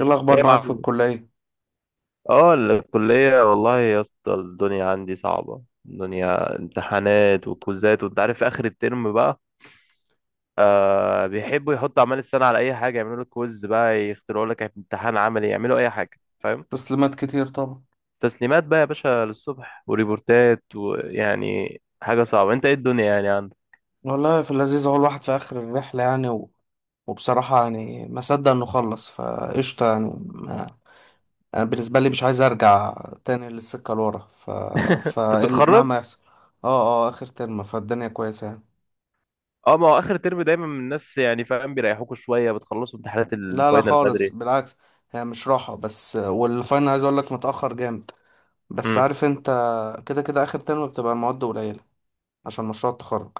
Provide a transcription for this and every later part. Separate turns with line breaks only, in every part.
ايه الاخبار
هي
معاك
مع
في الكليه؟
اه الكلية. والله يا اسطى الدنيا عندي صعبة، الدنيا امتحانات وكوزات وانت عارف في اخر الترم بقى. بيحبوا يحطوا اعمال السنة على اي حاجة، يعملوا لك كويز بقى، يخترعوا لك امتحان عملي، يعملوا اي حاجة فاهم.
تسليمات كتير طبعا.
تسليمات بقى يا باشا للصبح وريبورتات ويعني حاجة صعبة، انت ايه الدنيا يعني عندك؟
والله في اللذيذ، هو الواحد في آخر الرحلة يعني وبصراحة يعني ما صدق إنه خلص فقشطة يعني ما... أنا بالنسبة لي مش عايز أرجع تاني للسكة لورا،
انت بتتخرج؟
فمهما يحصل اه آخر ترم، فالدنيا كويسة يعني.
اه ما هو اخر ترم دايما الناس يعني فاهم بيريحوكوا شوية، بتخلصوا امتحانات
لا لا
الفاينل
خالص
بدري.
بالعكس، هي مش راحة، بس والفاينل عايز أقولك متأخر جامد. بس عارف أنت، كده كده آخر ترم بتبقى المواد قليلة عشان مشروع التخرج.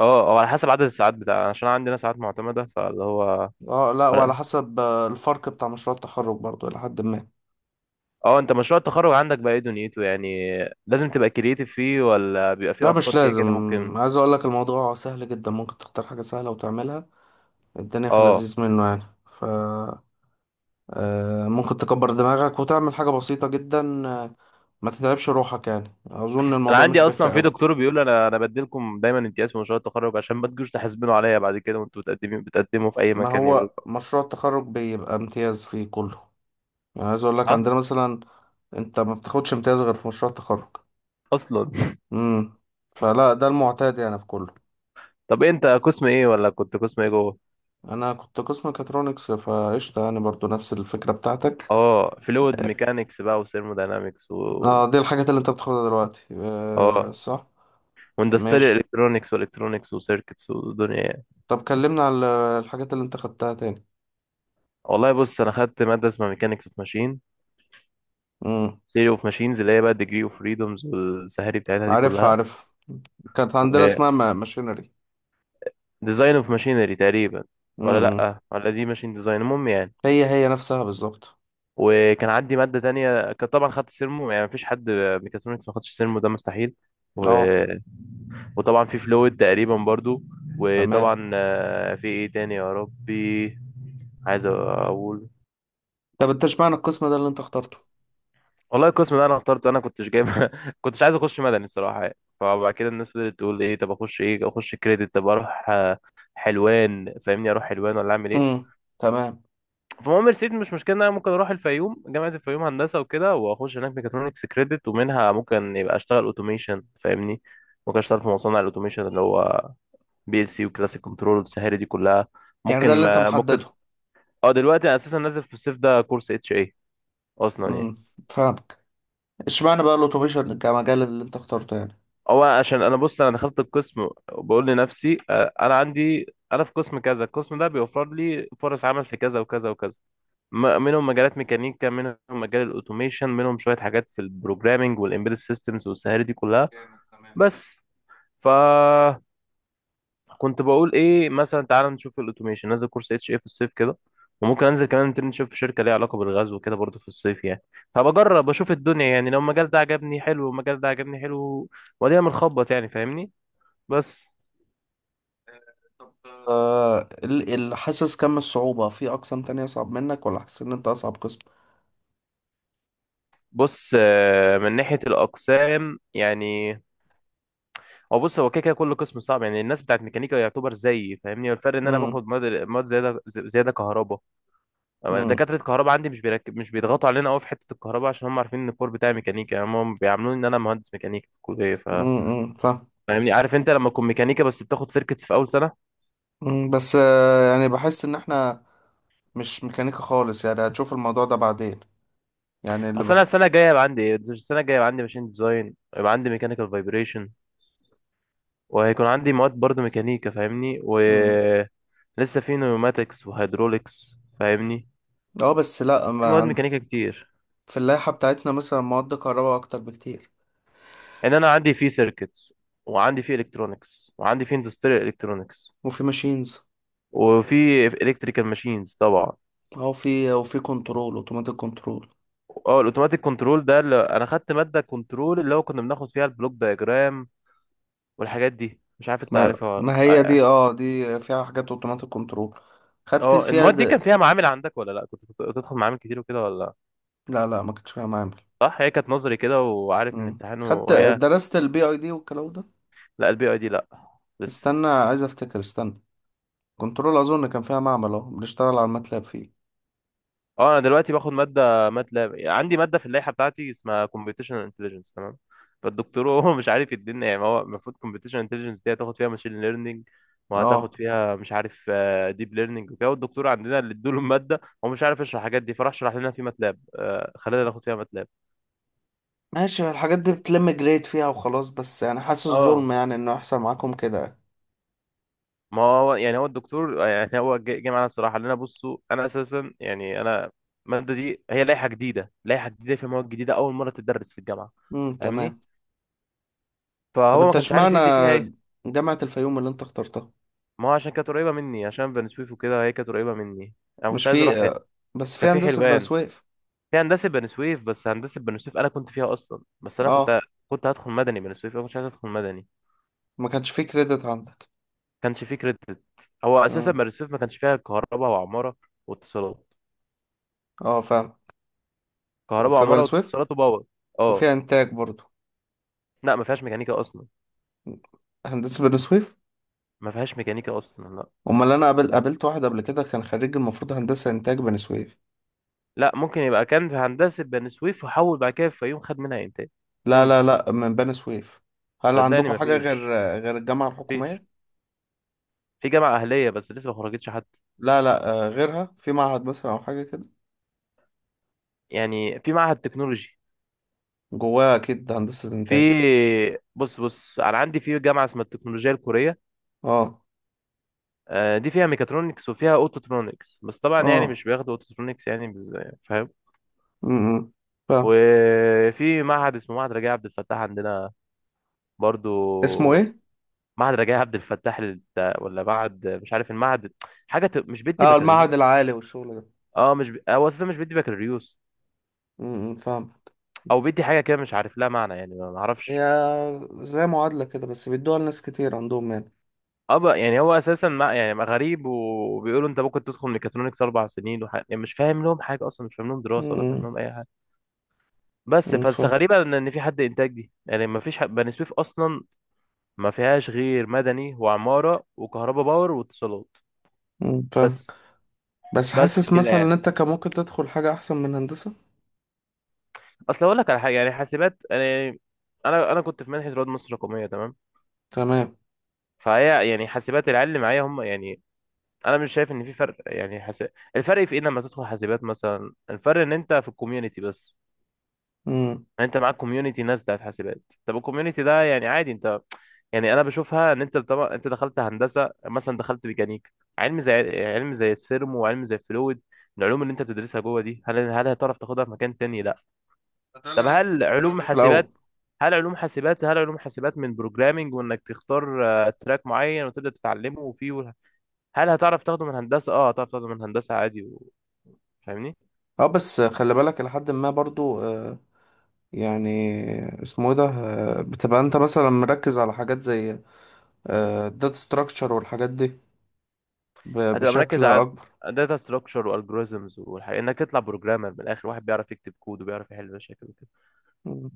اه هو على حسب عدد الساعات بتاع، عشان عندنا ساعات معتمدة فاللي هو
اه لا، وعلى
ولا-
حسب الفرق بتاع مشروع التخرج برضو إلى حد ما.
اه. انت مشروع التخرج عندك بقى ايه دنيته يعني؟ لازم تبقى كرييتيف فيه ولا بيبقى فيه
ده مش
افكار كده
لازم،
كده ممكن؟
عايز أقولك الموضوع سهل جدا، ممكن تختار حاجة سهلة وتعملها. الدنيا في
اه
اللذيذ منه يعني. ف ممكن تكبر دماغك وتعمل حاجة بسيطة جدا. ما تتعبش روحك، يعني أظن
انا
الموضوع مش
عندي
بيفرق
اصلا في
أوي.
دكتور بيقول انا بديلكم دايما امتياز في مشروع التخرج عشان ما تجوش تحاسبنوا عليا بعد كده، وانتوا بتقدموا في اي
ما
مكان، يقول.
هو مشروع التخرج بيبقى امتياز فيه كله، يعني عايز أقولك
ها.
عندنا مثلا أنت ما بتاخدش امتياز غير في مشروع التخرج.
اصلا
امم فلا، ده المعتاد يعني في كله.
طب إيه، انت قسم ايه ولا كنت قسم ايه جوه؟
انا كنت قسم ميكاترونكس فقشطه، يعني برضو نفس الفكره بتاعتك.
اه فلويد ميكانكس بقى وثيرموداينامكس و
اه دي الحاجات اللي انت بتاخدها دلوقتي، آه
اه
صح.
واندستريال
ماشي.
الكترونكس والكترونكس وسيركتس ودنيا.
طب كلمنا على الحاجات اللي انت خدتها تاني.
والله بص انا خدت ماده اسمها ميكانكس اوف ماشين،
امم،
ثيوري اوف ماشينز اللي هي بقى الديجري اوف فريدومز والسهاري بتاعتها دي
عارفها
كلها،
عارف، كانت عندنا
وديزاين
اسمها ماشينري.
اوف ماشينري تقريبا. ولا
امم،
لا، ولا دي ماشين ديزاين المهم يعني.
هي هي نفسها بالظبط.
وكان عندي ماده تانية، كان طبعا خدت سيرمو، يعني مفيش حد ميكاترونكس ما خدش سيرمو، ده مستحيل. و...
اه
وطبعا في فلويد تقريبا برضو.
تمام.
وطبعا في ايه تاني يا ربي. عايز اقول.
طب انت اشمعنى القسم ده اللي انت اخترته؟
والله القسم ده انا اخترته، انا كنتش جايب. كنتش عايز اخش مدني الصراحه يعني، فبعد كده الناس بدات تقول ايه، طب اخش ايه، اخش كريدت، طب اروح حلوان فاهمني، اروح حلوان ولا اعمل ايه.
امم تمام.
فالمهم رسيت مش مشكله ان انا ممكن اروح الفيوم، جامعه الفيوم هندسه وكده، واخش هناك ميكاترونكس كريدت، ومنها ممكن يبقى اشتغل اوتوميشن فاهمني. ممكن اشتغل في مصانع الاوتوميشن اللي هو بي ال سي وكلاسيك كنترول والسهاري دي كلها.
يعني
ممكن
ده اللي انت
ما ممكن.
محدده.
اه دلوقتي انا اساسا نازل في الصيف ده كورس اتش اي اصلا يعني.
امم فاهمك. اشمعنى بقى الاوتوميشن كمجال اللي انت اخترته يعني؟
هو عشان انا بص انا دخلت القسم وبقول لنفسي انا عندي، انا في قسم كذا، القسم ده بيوفر لي فرص عمل في كذا وكذا وكذا. منهم مجالات ميكانيكا، منهم مجال الاوتوميشن، منهم شويه حاجات في البروجرامينج والامبيدد سيستمز والسهاري دي كلها.
جامد تمام.
بس ف كنت بقول ايه، مثلا تعال نشوف الاوتوميشن، نازل كورس اتش ايه في الصيف كده، وممكن انزل كمان انترنشيب في شركه ليها علاقه بالغزو وكده برضه في الصيف يعني، فبجرب اشوف الدنيا يعني. لو المجال ده عجبني حلو والمجال ده عجبني حلو، ودينا بنخبط يعني فاهمني. بس
حاسس كم الصعوبة في أقسام تانية أصعب منك، ولا حاسس إن أنت أصعب قسم؟
بص من ناحية الأقسام يعني، هو بص هو كده كده كل قسم صعب يعني، الناس بتاعت ميكانيكا يعتبر زيي فاهمني، والفرق إن أنا
امم.
باخد مواد، مواد زيادة، زيادة كهرباء. أما
امم.
دكاترة الكهرباء عندي مش مش بيضغطوا علينا قوي في حتة الكهرباء عشان هم عارفين إن الكور بتاعي ميكانيكا، يعني هم بيعاملوني إن أنا مهندس ميكانيكا في الكلية. ف
فاهم.
فاهمني عارف أنت لما تكون ميكانيكا بس بتاخد سيركتس في أول سنة.
مم. بس يعني بحس إن إحنا مش ميكانيكا خالص يعني، هتشوف الموضوع ده بعدين. يعني اللي
أصل أنا
بح
السنة الجاية هيبقى عندي إيه؟ السنة الجاية هيبقى عندي ماشين ديزاين، يبقى عندي ميكانيكال فايبريشن، وهيكون عندي مواد برضو ميكانيكا فاهمني،
امم.
ولسه في نيوماتكس وهيدروليكس فاهمني،
أه بس لأ،
في
ما
مواد
عند
ميكانيكا كتير.
في اللائحة بتاعتنا مثلا مواد كهرباء أكتر بكتير.
ان انا عندي في سيركتس، وعندي في الكترونكس، وعندي في اندستريال الكترونكس،
وفي ماشينز.
وفي الكتريكال ماشينز طبعا.
أو في وفي كنترول، أوتوماتيك كنترول.
اه الاوتوماتيك كنترول ده اللي انا خدت ماده كنترول اللي هو كنا بناخد فيها البلوك دايجرام والحاجات دي، مش عارف انت
ما
عارفها ولا-
ما هي دي،
اه.
أه دي فيها حاجات أوتوماتيك كنترول، خدت فيها
المواد دي كان
د...
فيها معامل عندك ولا لا، كنت بتدخل معامل كتير وكده ولا لا؟
لا لا ما كنتش فيها معامل.
صح هي كانت نظري كده، وعارف ان
مم.
امتحانه
خدت
وهي.
درست البي اي دي والكلام ده.
لا البي اي دي لا، لسه.
استنى عايز افتكر، استنى. كنترول اظن كان فيها معمل، اهو بنشتغل على الماتلاب فيه.
اه انا دلوقتي باخد ماده ماتلاب، عندي ماده في اللائحه بتاعتي اسمها كومبيتيشنال انتليجنس تمام. فالدكتور هو مش عارف يدينا، يعني ما هو المفروض كومبيتيشنال انتليجنس دي هتاخد فيها ماشين ليرنينج،
اه
وهتاخد فيها مش عارف ديب ليرنينج وكده، والدكتور عندنا اللي ادوله الماده هو مش عارف يشرح الحاجات دي، فراح شرح لنا في ماتلاب، خلانا ناخد فيها ماتلاب.
ماشي، الحاجات دي بتلم جريد فيها وخلاص، بس يعني حاسس
اه
ظلم يعني انه يحصل معاكم كده.
ما هو يعني هو الدكتور يعني هو جه معانا الصراحه، لنا بصوا، انا اساسا يعني انا الماده دي هي لائحه جديده، في مواد جديده اول مره تدرس في الجامعه
تمام.
فاهمني،
طب
فهو ما
انت
كانش عارف
اشمعنى
يدي فيها ايه.
جامعة الفيوم اللي انت اخترتها؟
ما هو عشان كانت قريبه مني، عشان بني سويف وكده هي كانت قريبه مني، انا
مش
كنت عايز
في
اروح هنا.
بس في
كان في
هندسة بني
حلوان،
سويف؟
في هندسه بني سويف، بس هندسه بني سويف انا كنت فيها اصلا، بس انا
اه،
كنت، كنت هدخل مدني بني سويف، انا كنتش عايز ادخل مدني، ما
ما كانش في كريدت عندك.
كانش في كريدت. هو اساسا
مم.
بني سويف ما كانش فيها كهرباء وعماره واتصالات،
اه فاهم.
كهرباء
في بني
وعماره
سويف.
واتصالات وباور. اه.
وفي انتاج برضو.
لا ما فيهاش ميكانيكا اصلا.
هندسة بني سويف.
ما فيهاش ميكانيكا اصلا لا.
امال انا قابلت واحد قبل كده كان خريج المفروض هندسه انتاج بني سويف.
لا ممكن يبقى كان في هندسه بني سويف وحول بعد كده في الفيوم، خد منها انتاج.
لا
ممكن.
لا لا، من بني سويف. هل
صدقني
عندكم
ما
حاجه غير،
فيش.
غير الجامعه
ما فيش.
الحكوميه؟
في جامعه اهليه بس لسه ما خرجتش حد.
لا لا، غيرها في معهد مثلا او حاجه كده؟
يعني في معهد تكنولوجي.
جواها اكيد هندسه انتاج.
في بص بص انا عندي في جامعه اسمها التكنولوجيا الكوريه،
اه.
دي فيها ميكاترونكس وفيها اوتوترونكس، بس طبعا يعني
اه.
مش بياخدوا اوتوترونكس يعني فاهم.
امم فاهم.
وفي معهد اسمه معهد رجاء عبد الفتاح عندنا برضو،
اسمه ايه؟
معهد رجاء عبد الفتاح ولا معهد مش عارف المعهد، حاجه مش بيدي
اه
بكالوريوس،
المعهد العالي والشغل ده.
اه مش هو اساسا مش بيدي بكالوريوس،
فاهم.
او بيدي حاجه كده مش عارف لها معنى يعني، ما ما
هي
اعرفش.
زي معادله كده، بس بيدوها لناس كتير عندهم يعني.
اه بقى يعني هو اساسا ما يعني ما غريب، وبيقولوا انت ممكن تدخل ميكاترونكس اربع سنين يعني مش فاهم لهم حاجه اصلا، مش فاهم لهم دراسه، ولا فاهم
امم.
لهم اي حاجه. بس
أمم،
بس
فاهم.
غريبه ان إن في حد انتاج دي يعني، ما فيش بني سويف اصلا ما فيهاش غير مدني وعماره وكهرباء باور واتصالات
مم، فاهم.
بس.
بس
بس
حاسس
كده
مثلا
يعني.
ان انت كان ممكن تدخل حاجه احسن من هندسه.
اصل اقول لك على حاجه يعني حاسبات، انا انا كنت في منحه رواد مصر الرقميه تمام.
تمام.
فهي يعني حاسبات العيال اللي معايا هم يعني، انا مش شايف ان في فرق يعني الفرق في ايه لما تدخل حاسبات مثلا؟ الفرق ان انت في الكوميونتي بس،
امم.
يعني انت معاك كوميونتي ناس بتاعت حاسبات. طب الكوميونتي ده يعني عادي انت، يعني انا بشوفها ان انت طبعا انت دخلت هندسه مثلا، دخلت ميكانيك، علم زي علم زي السيرمو، وعلم زي الفلويد، العلوم اللي انت بتدرسها جوه دي، هل هتعرف تاخدها في مكان تاني؟ لا.
ده اللي
طب
انا كنت
هل
مقتنع
علوم
بيه في
حاسبات
الاول.
هل علوم حاسبات هل علوم حاسبات من بروجرامنج، وانك تختار تراك معين وتبدا تتعلمه، وفيه هل هتعرف تاخده من هندسه؟ اه هتعرف تاخده من هندسه عادي. و... فاهمني.
اه بس خلي بالك لحد ما برضو، يعني اسمه ايه ده، بتبقى انت مثلا مركز على حاجات زي الداتا ستراكشر والحاجات دي،
هتبقى مركز
بشكل
على
اكبر.
داتا ستراكشر والجوريزمز والحاجات، انك تطلع بروجرامر من الاخر، واحد بيعرف يكتب كود وبيعرف يحل مشاكل وكده.
مم.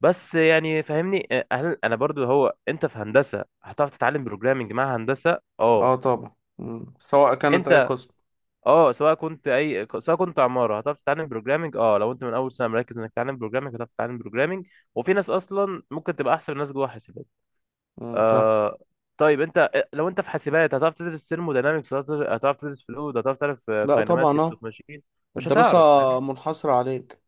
بس يعني فاهمني هل انا برضو، هو انت في هندسه هتعرف تتعلم بروجرامنج مع هندسه؟ اه
اه طبعا. مم. سواء كانت اي
انت
قسم.
اه سواء كنت اي سواء كنت عماره هتعرف تتعلم بروجرامنج. اه لو انت من اول سنه مركز انك تتعلم بروجرامنج هتعرف تتعلم بروجرامنج، وفي ناس اصلا ممكن تبقى احسن الناس جوه حاسبات.
مم، فاهم.
آه. طيب انت لو انت في حاسبات هتعرف تدرس ثيرموداينامكس، هتعرف تدرس فلويد، هتعرف
لا طبعا
كاينماتكس
اه،
اوف ماشينز؟ مش
الدراسة
هتعرف فاهم.
منحصرة عليك.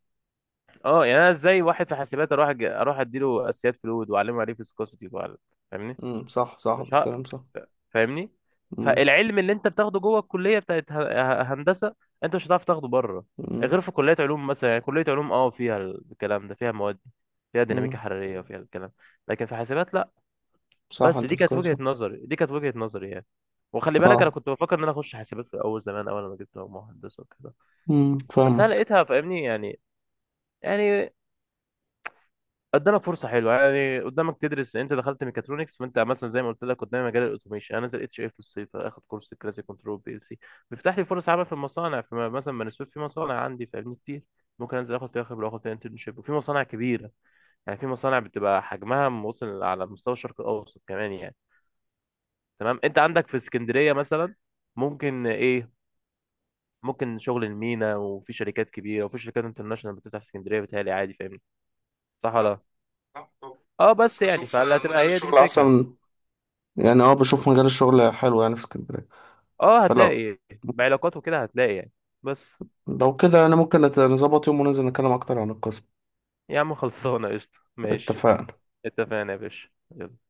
اه يعني انا ازاي، واحد في حاسبات اروح اروح اديله اساسيات فلويد، واعلمه يعني ايه فيسكوسيتي فاهمني.
مم، صح صح،
مش ه...
بتتكلم صح.
فاهمني.
مم.
فالعلم اللي انت بتاخده جوه الكليه بتاعت هندسه، انت مش هتعرف تاخده بره،
مم.
غير في كليه علوم مثلا يعني، كليه علوم اه فيها الكلام ده، فيها مواد دي، فيها ديناميكا
مم،
حراريه وفيها الكلام، لكن في حاسبات لا.
صح
بس
انت
دي كانت
بتتكلم
وجهه
صح.
نظري، يعني، وخلي بالك انا
اه.
كنت بفكر ان انا اخش حاسبات في الاول زمان اول ما جبت مهندس وكده.
مم،
بس انا
فاهمك.
لقيتها فاهمني يعني، يعني قدامك فرصه حلوه يعني، قدامك تدرس، انت دخلت ميكاترونكس فانت مثلا زي ما قلت لك قدامي مجال الاوتوميشن، انا نازل اتش اي في الصيف اخد كورس كلاسيك كنترول بي ال سي، بيفتح لي فرص عمل في المصانع، في مثلا بني سويف في مصانع عندي فاهمني كتير. ممكن انزل اخد فيها خبره واخد فيها انترنشيب، وفي مصانع كبيره يعني، في مصانع بتبقى حجمها موصل على مستوى الشرق الاوسط كمان يعني. تمام انت عندك في اسكندريه مثلا، ممكن ايه، ممكن شغل المينا وفي شركات كبيره وفي شركات انترناشونال بتفتح في اسكندريه بتهيألي عادي فاهمني. صح ولا
آه،
لا؟
صح طبعا.
اه
بس
بس يعني
بشوف
فهتبقى
مجال
هي دي
الشغل
الفكره.
احسن، يعني اه بشوف مجال الشغل حلو يعني في اسكندرية.
اه
فلو
هتلاقي بعلاقات وكده هتلاقي يعني. بس.
لو كده انا ممكن نظبط يوم وننزل نتكلم اكتر عن القسم.
يا عم خلصانة قشطة ماشي.
اتفقنا.
اتفقنا يا باشا. يلا.